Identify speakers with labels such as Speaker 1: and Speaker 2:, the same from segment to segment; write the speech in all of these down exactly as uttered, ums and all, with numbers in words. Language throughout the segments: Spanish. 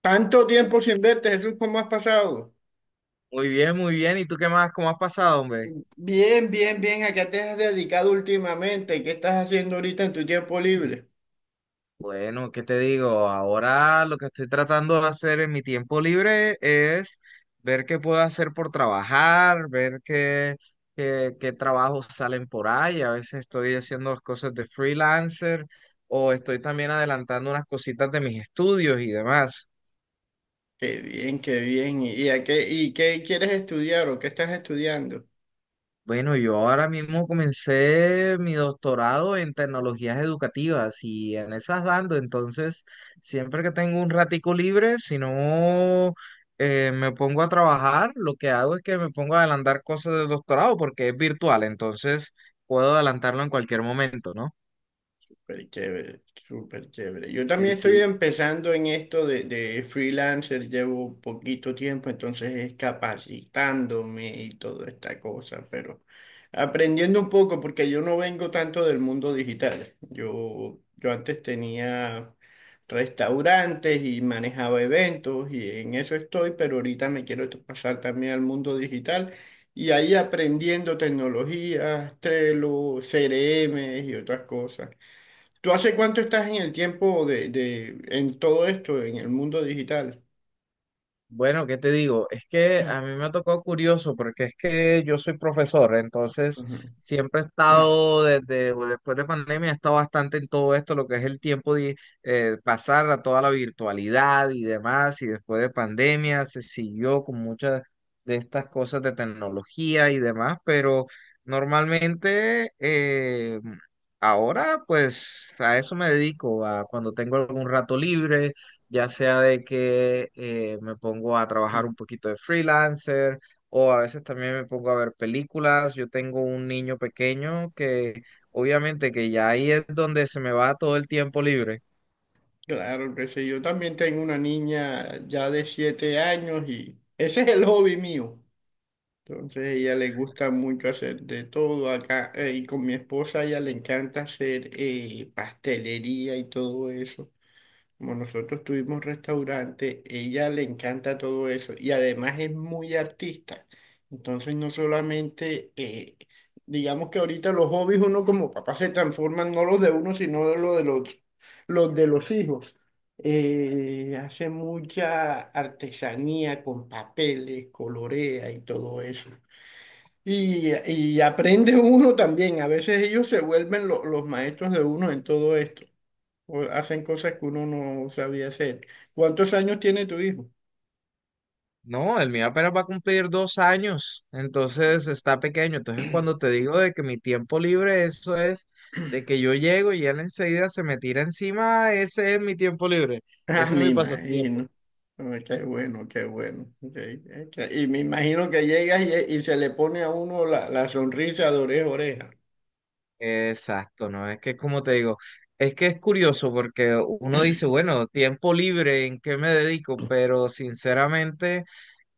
Speaker 1: Tanto tiempo sin verte, Jesús, ¿cómo has pasado?
Speaker 2: Muy bien, muy bien. ¿Y tú qué más? ¿Cómo has pasado, hombre?
Speaker 1: Bien, bien, bien. ¿A qué te has dedicado últimamente? ¿Qué estás haciendo ahorita en tu tiempo libre?
Speaker 2: Bueno, ¿qué te digo? Ahora lo que estoy tratando de hacer en mi tiempo libre es ver qué puedo hacer por trabajar, ver qué, qué, qué trabajos salen por ahí. A veces estoy haciendo las cosas de freelancer o estoy también adelantando unas cositas de mis estudios y demás.
Speaker 1: Qué bien, qué bien. ¿Y y a qué, y qué quieres estudiar o qué estás estudiando?
Speaker 2: Bueno, yo ahora mismo comencé mi doctorado en tecnologías educativas y en esas dando, entonces siempre que tengo un ratico libre, si no eh, me pongo a trabajar, lo que hago es que me pongo a adelantar cosas del doctorado porque es virtual, entonces puedo adelantarlo en cualquier momento, ¿no?
Speaker 1: Súper chévere, súper chévere. Yo
Speaker 2: Sí,
Speaker 1: también estoy
Speaker 2: sí.
Speaker 1: empezando en esto de, de freelancer, llevo poquito tiempo, entonces es capacitándome y toda esta cosa, pero aprendiendo un poco porque yo no vengo tanto del mundo digital. Yo, yo antes tenía restaurantes y manejaba eventos y en eso estoy, pero ahorita me quiero t- pasar también al mundo digital. Y ahí aprendiendo tecnologías, Trello, C R M y otras cosas. ¿Tú hace cuánto estás en el tiempo de, de- en todo esto, en el mundo digital?
Speaker 2: Bueno, ¿qué te digo? Es que a mí me ha tocado curioso porque es que yo soy profesor, entonces
Speaker 1: Ujú.
Speaker 2: siempre he estado desde o después de pandemia, he estado bastante en todo esto, lo que es el tiempo de eh, pasar a toda la virtualidad y demás, y después de pandemia se siguió con muchas de estas cosas de tecnología y demás, pero normalmente eh, ahora pues a eso me dedico, a cuando tengo algún rato libre ya sea de que eh, me pongo a trabajar un poquito de freelancer o a veces también me pongo a ver películas. Yo tengo un niño pequeño que obviamente que ya ahí es donde se me va todo el tiempo libre.
Speaker 1: Claro que sí, yo también tengo una niña ya de siete años y ese es el hobby mío. Entonces a ella le gusta mucho hacer de todo acá eh, y con mi esposa a ella le encanta hacer eh, pastelería y todo eso. Como nosotros tuvimos restaurante, ella le encanta todo eso y además es muy artista. Entonces no solamente, eh, digamos que ahorita los hobbies uno como papá se transforman no los de uno, sino de los de los, los de los hijos. Eh, hace mucha artesanía con papeles, colorea y todo eso. Y, y aprende uno también. A veces ellos se vuelven lo- los maestros de uno en todo esto o hacen cosas que uno no sabía hacer. ¿Cuántos años tiene tu hijo?
Speaker 2: No, el mío apenas va a cumplir dos años, entonces está pequeño. Entonces cuando te digo de que mi tiempo libre, eso es de que yo llego y él enseguida se me tira encima, ese es mi tiempo libre,
Speaker 1: Ah,
Speaker 2: ese es
Speaker 1: me
Speaker 2: mi pasatiempo.
Speaker 1: imagino. Ay, qué bueno, qué bueno. Ok, ok. Y me imagino que llega y, y se le pone a uno la, la sonrisa de oreja a oreja.
Speaker 2: Exacto, ¿no? Es que como te digo, es que es curioso porque uno dice, bueno, tiempo libre, ¿en qué me dedico? Pero sinceramente,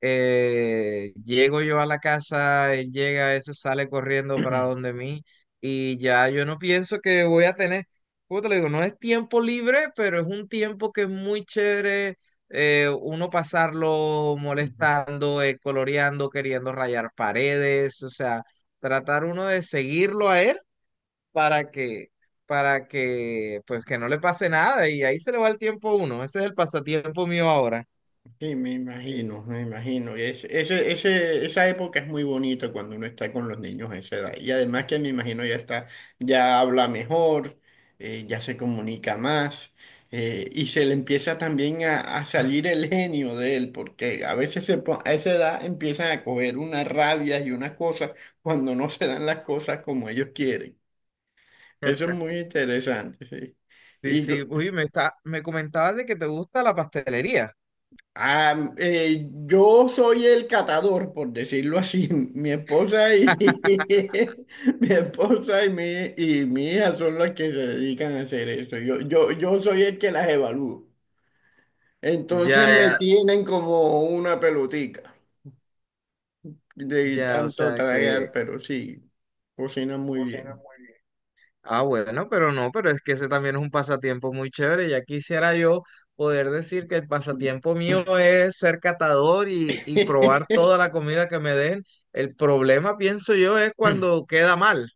Speaker 2: eh, llego yo a la casa, él llega, ese sale corriendo para donde mí y ya yo no pienso que voy a tener, como te lo digo, no es tiempo libre, pero es un tiempo que es muy chévere eh, uno pasarlo molestando, eh, coloreando, queriendo rayar paredes, o sea tratar uno de seguirlo a él para que, para que, pues que no le pase nada y ahí se le va el tiempo a uno. Ese es el pasatiempo mío ahora.
Speaker 1: Sí, me imagino, me imagino. Y es- ese, ese, esa época es muy bonita cuando uno está con los niños a esa edad. Y además que me imagino ya está, ya habla mejor, eh, ya se comunica más, eh, y se le empieza también a, a salir el genio de él, porque a veces se po- a esa edad empiezan a coger unas rabias y unas cosas cuando no se dan las cosas como ellos quieren. Eso es muy interesante, sí.
Speaker 2: Sí, sí, uy, me está, me comentabas de que te gusta la pastelería.
Speaker 1: Ah, eh, yo soy el catador, por decirlo así. Mi esposa y mi esposa y mi, y mi hija son las que se dedican a hacer eso. Yo, yo, yo soy el que las evalúo.
Speaker 2: Ya,
Speaker 1: Entonces me
Speaker 2: ya,
Speaker 1: tienen como una pelotica de
Speaker 2: ya, o
Speaker 1: tanto
Speaker 2: sea que...
Speaker 1: tragar, pero sí, cocinan muy
Speaker 2: Cocina
Speaker 1: bien.
Speaker 2: muy bien. Ah, bueno, pero no, pero es que ese también es un pasatiempo muy chévere. Ya quisiera yo poder decir que el pasatiempo mío es ser catador y, y probar toda la comida que me den. El problema, pienso yo, es cuando queda mal.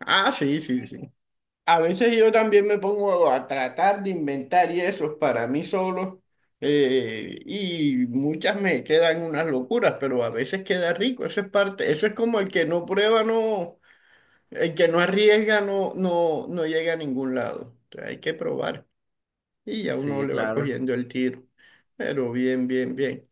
Speaker 1: Ah, sí, sí, sí. A veces yo también me pongo a tratar de inventar y eso para mí solo, eh, y muchas me quedan unas locuras, pero a veces queda rico, eso es parte, eso es como el que no prueba, no, el que no arriesga no, no, no llega a ningún lado. O sea, hay que probar y ya uno
Speaker 2: Sí,
Speaker 1: le va
Speaker 2: claro.
Speaker 1: cogiendo el tiro, pero bien, bien, bien.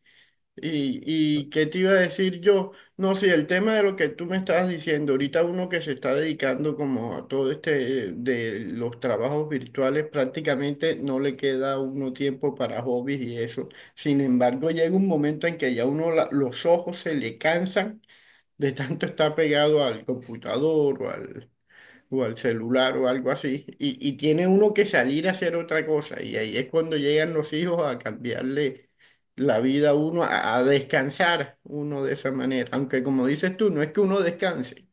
Speaker 1: Y, y qué te iba a decir yo, no sé, el tema de lo que tú me estabas diciendo, ahorita uno que se está dedicando como a todo este eh, de los trabajos virtuales, prácticamente no le queda a uno tiempo para hobbies y eso. Sin embargo, llega un momento en que ya uno la- los ojos se le cansan de tanto estar pegado al computador o al, o al celular o algo así, y, y tiene uno que salir a hacer otra cosa, y ahí es cuando llegan los hijos a cambiarle la vida a uno, a, a descansar uno de esa manera, aunque como dices tú, no es que uno descanse,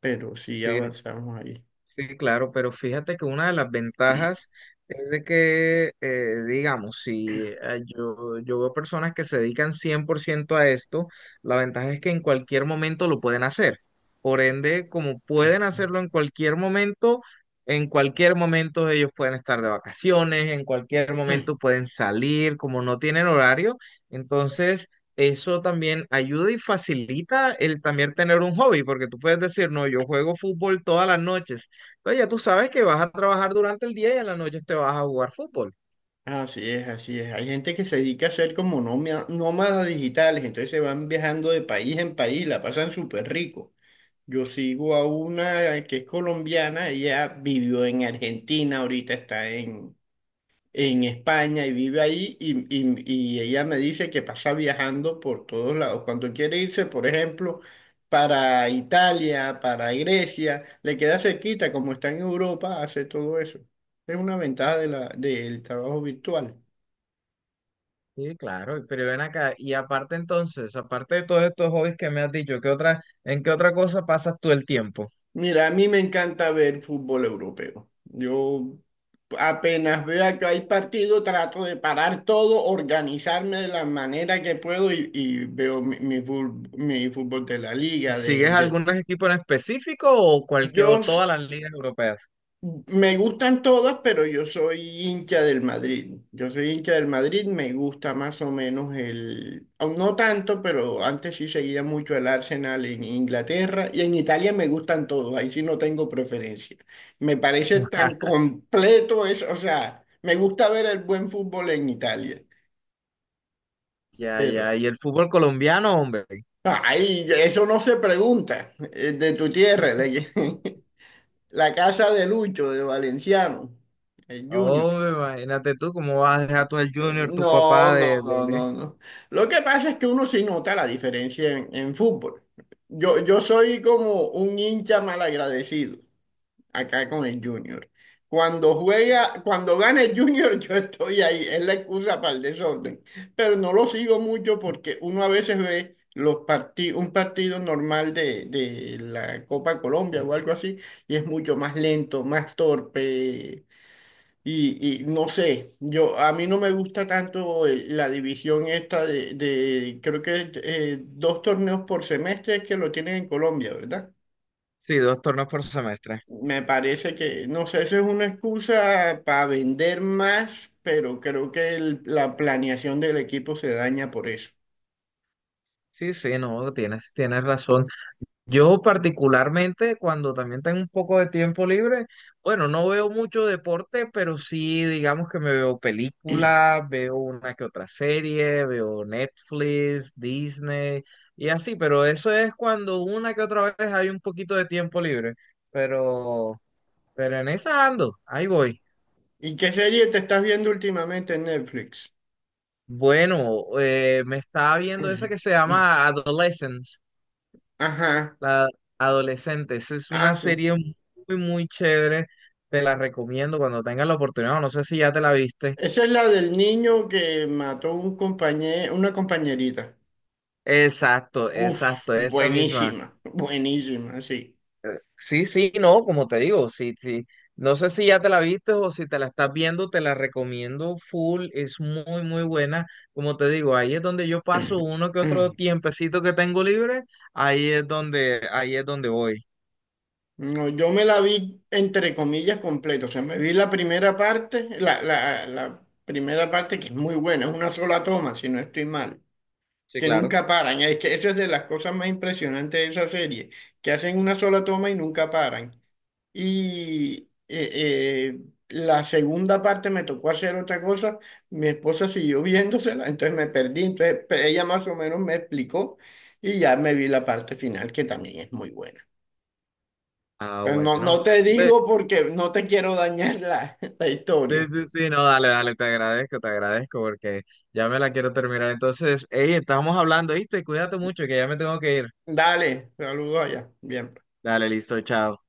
Speaker 1: pero sí
Speaker 2: Sí,
Speaker 1: avanzamos ahí.
Speaker 2: sí, claro, pero fíjate que una de las ventajas es de que, eh, digamos, si eh, yo, yo veo personas que se dedican cien por ciento a esto, la ventaja es que en cualquier momento lo pueden hacer. Por ende, como pueden hacerlo en cualquier momento, en cualquier momento ellos pueden estar de vacaciones, en cualquier momento pueden salir, como no tienen horario, entonces... Eso también ayuda y facilita el también tener un hobby, porque tú puedes decir, no, yo juego fútbol todas las noches, entonces ya tú sabes que vas a trabajar durante el día y en la noche te vas a jugar fútbol.
Speaker 1: Así es, así es. Hay gente que se dedica a ser como nómia- nómadas digitales, entonces se van viajando de país en país, la pasan súper rico. Yo sigo a una que es colombiana, ella vivió en Argentina, ahorita está en en España y vive ahí y, y- y ella me dice que pasa viajando por todos lados. Cuando quiere irse, por ejemplo, para Italia, para Grecia, le queda cerquita, como está en Europa, hace todo eso. Es una ventaja de la, del trabajo virtual.
Speaker 2: Sí, claro, pero ven acá. Y aparte entonces, aparte de todos estos hobbies que me has dicho, ¿qué otra, en qué otra cosa pasas tú el tiempo?
Speaker 1: Mira, a mí me encanta ver fútbol europeo. Yo apenas veo que hay partido, trato de parar todo, organizarme de la manera que puedo y, y veo mi, mi fútbol, mi fútbol de la liga, de,
Speaker 2: ¿Sigues
Speaker 1: de-
Speaker 2: algún equipo en específico o cualquier
Speaker 1: Yo
Speaker 2: o
Speaker 1: s-
Speaker 2: todas las ligas europeas?
Speaker 1: me gustan todas, pero yo soy hincha del Madrid. Yo soy hincha del Madrid, me gusta más o menos el, aún no tanto, pero antes sí seguía mucho el Arsenal en Inglaterra y en Italia me gustan todos, ahí sí no tengo preferencia. Me parece tan completo eso, o sea, me gusta ver el buen fútbol en Italia,
Speaker 2: Ya,
Speaker 1: pero
Speaker 2: ya, y el fútbol colombiano, hombre.
Speaker 1: ay, eso no se pregunta, eh, de tu tierra, la, que- la casa de Lucho, de Valenciano, el Junior.
Speaker 2: Hombre, imagínate tú cómo vas a dejar tú el Junior, tu
Speaker 1: No,
Speaker 2: papá de,
Speaker 1: no,
Speaker 2: de,
Speaker 1: no,
Speaker 2: de-
Speaker 1: no, no. Lo que pasa es que uno sí nota la diferencia en, en fútbol. Yo, yo soy como un hincha malagradecido acá con el Junior. Cuando juega, cuando gana el Junior, yo estoy ahí. Es la excusa para el desorden. Pero no lo sigo mucho porque uno a veces ve los parti- un partido normal de, de la Copa Colombia o algo así, y es mucho más lento, más torpe. Y, y no sé, yo a mí no me gusta tanto el- la división esta de, de creo que eh, dos torneos por semestre es que lo tienen en Colombia, ¿verdad?
Speaker 2: Sí, dos torneos por semestre.
Speaker 1: Me parece que, no sé, eso es una excusa para vender más, pero creo que el- la planeación del equipo se daña por eso.
Speaker 2: Sí, sí, no, tienes, tienes razón. Yo particularmente cuando también tengo un poco de tiempo libre, bueno, no veo mucho deporte, pero sí digamos que me veo películas, veo una que otra serie, veo Netflix, Disney y así, pero eso es cuando una que otra vez hay un poquito de tiempo libre, pero, pero, en esa ando, ahí voy.
Speaker 1: ¿Y qué serie te estás viendo últimamente en Netflix?
Speaker 2: Bueno, eh, me estaba viendo esa que se llama Adolescence.
Speaker 1: Ajá,
Speaker 2: La Adolescentes es
Speaker 1: ah,
Speaker 2: una
Speaker 1: sí.
Speaker 2: serie muy, muy chévere. Te la recomiendo cuando tengas la oportunidad. o no sé si ya te la viste.
Speaker 1: Esa es la del niño que mató un compañero, una compañerita.
Speaker 2: Exacto,
Speaker 1: Uf,
Speaker 2: exacto, esa misma.
Speaker 1: buenísima, buenísima, sí.
Speaker 2: Sí, sí, no, como te digo, sí, sí. No sé si ya te la viste o si te la estás viendo, te la recomiendo full. Es muy, muy buena. Como te digo, ahí es donde yo paso uno que otro tiempecito que tengo libre. Ahí es donde, ahí es donde voy.
Speaker 1: No, yo me la vi entre comillas completa, o sea, me vi la primera parte, la, la, la primera parte que es muy buena, es una sola toma, si no estoy mal,
Speaker 2: Sí,
Speaker 1: que
Speaker 2: claro.
Speaker 1: nunca paran, es que eso es de las cosas más impresionantes de esa serie, que hacen una sola toma y nunca paran. Y eh, eh, la segunda parte me tocó hacer otra cosa. Mi esposa siguió viéndosela, entonces me perdí. Entonces pe- ella más o menos me explicó y ya me vi la parte final, que también es muy buena.
Speaker 2: Ah,
Speaker 1: Pero no,
Speaker 2: bueno.
Speaker 1: no te
Speaker 2: Hombre,
Speaker 1: digo porque no te quiero dañar la, la
Speaker 2: Sí,
Speaker 1: historia.
Speaker 2: sí, sí, no, dale, dale, te agradezco, te agradezco porque ya me la quiero terminar. Entonces, hey, estamos hablando, ¿viste? Cuídate mucho que ya me tengo que ir.
Speaker 1: Dale, saludos allá. Bien.
Speaker 2: Dale, listo, chao.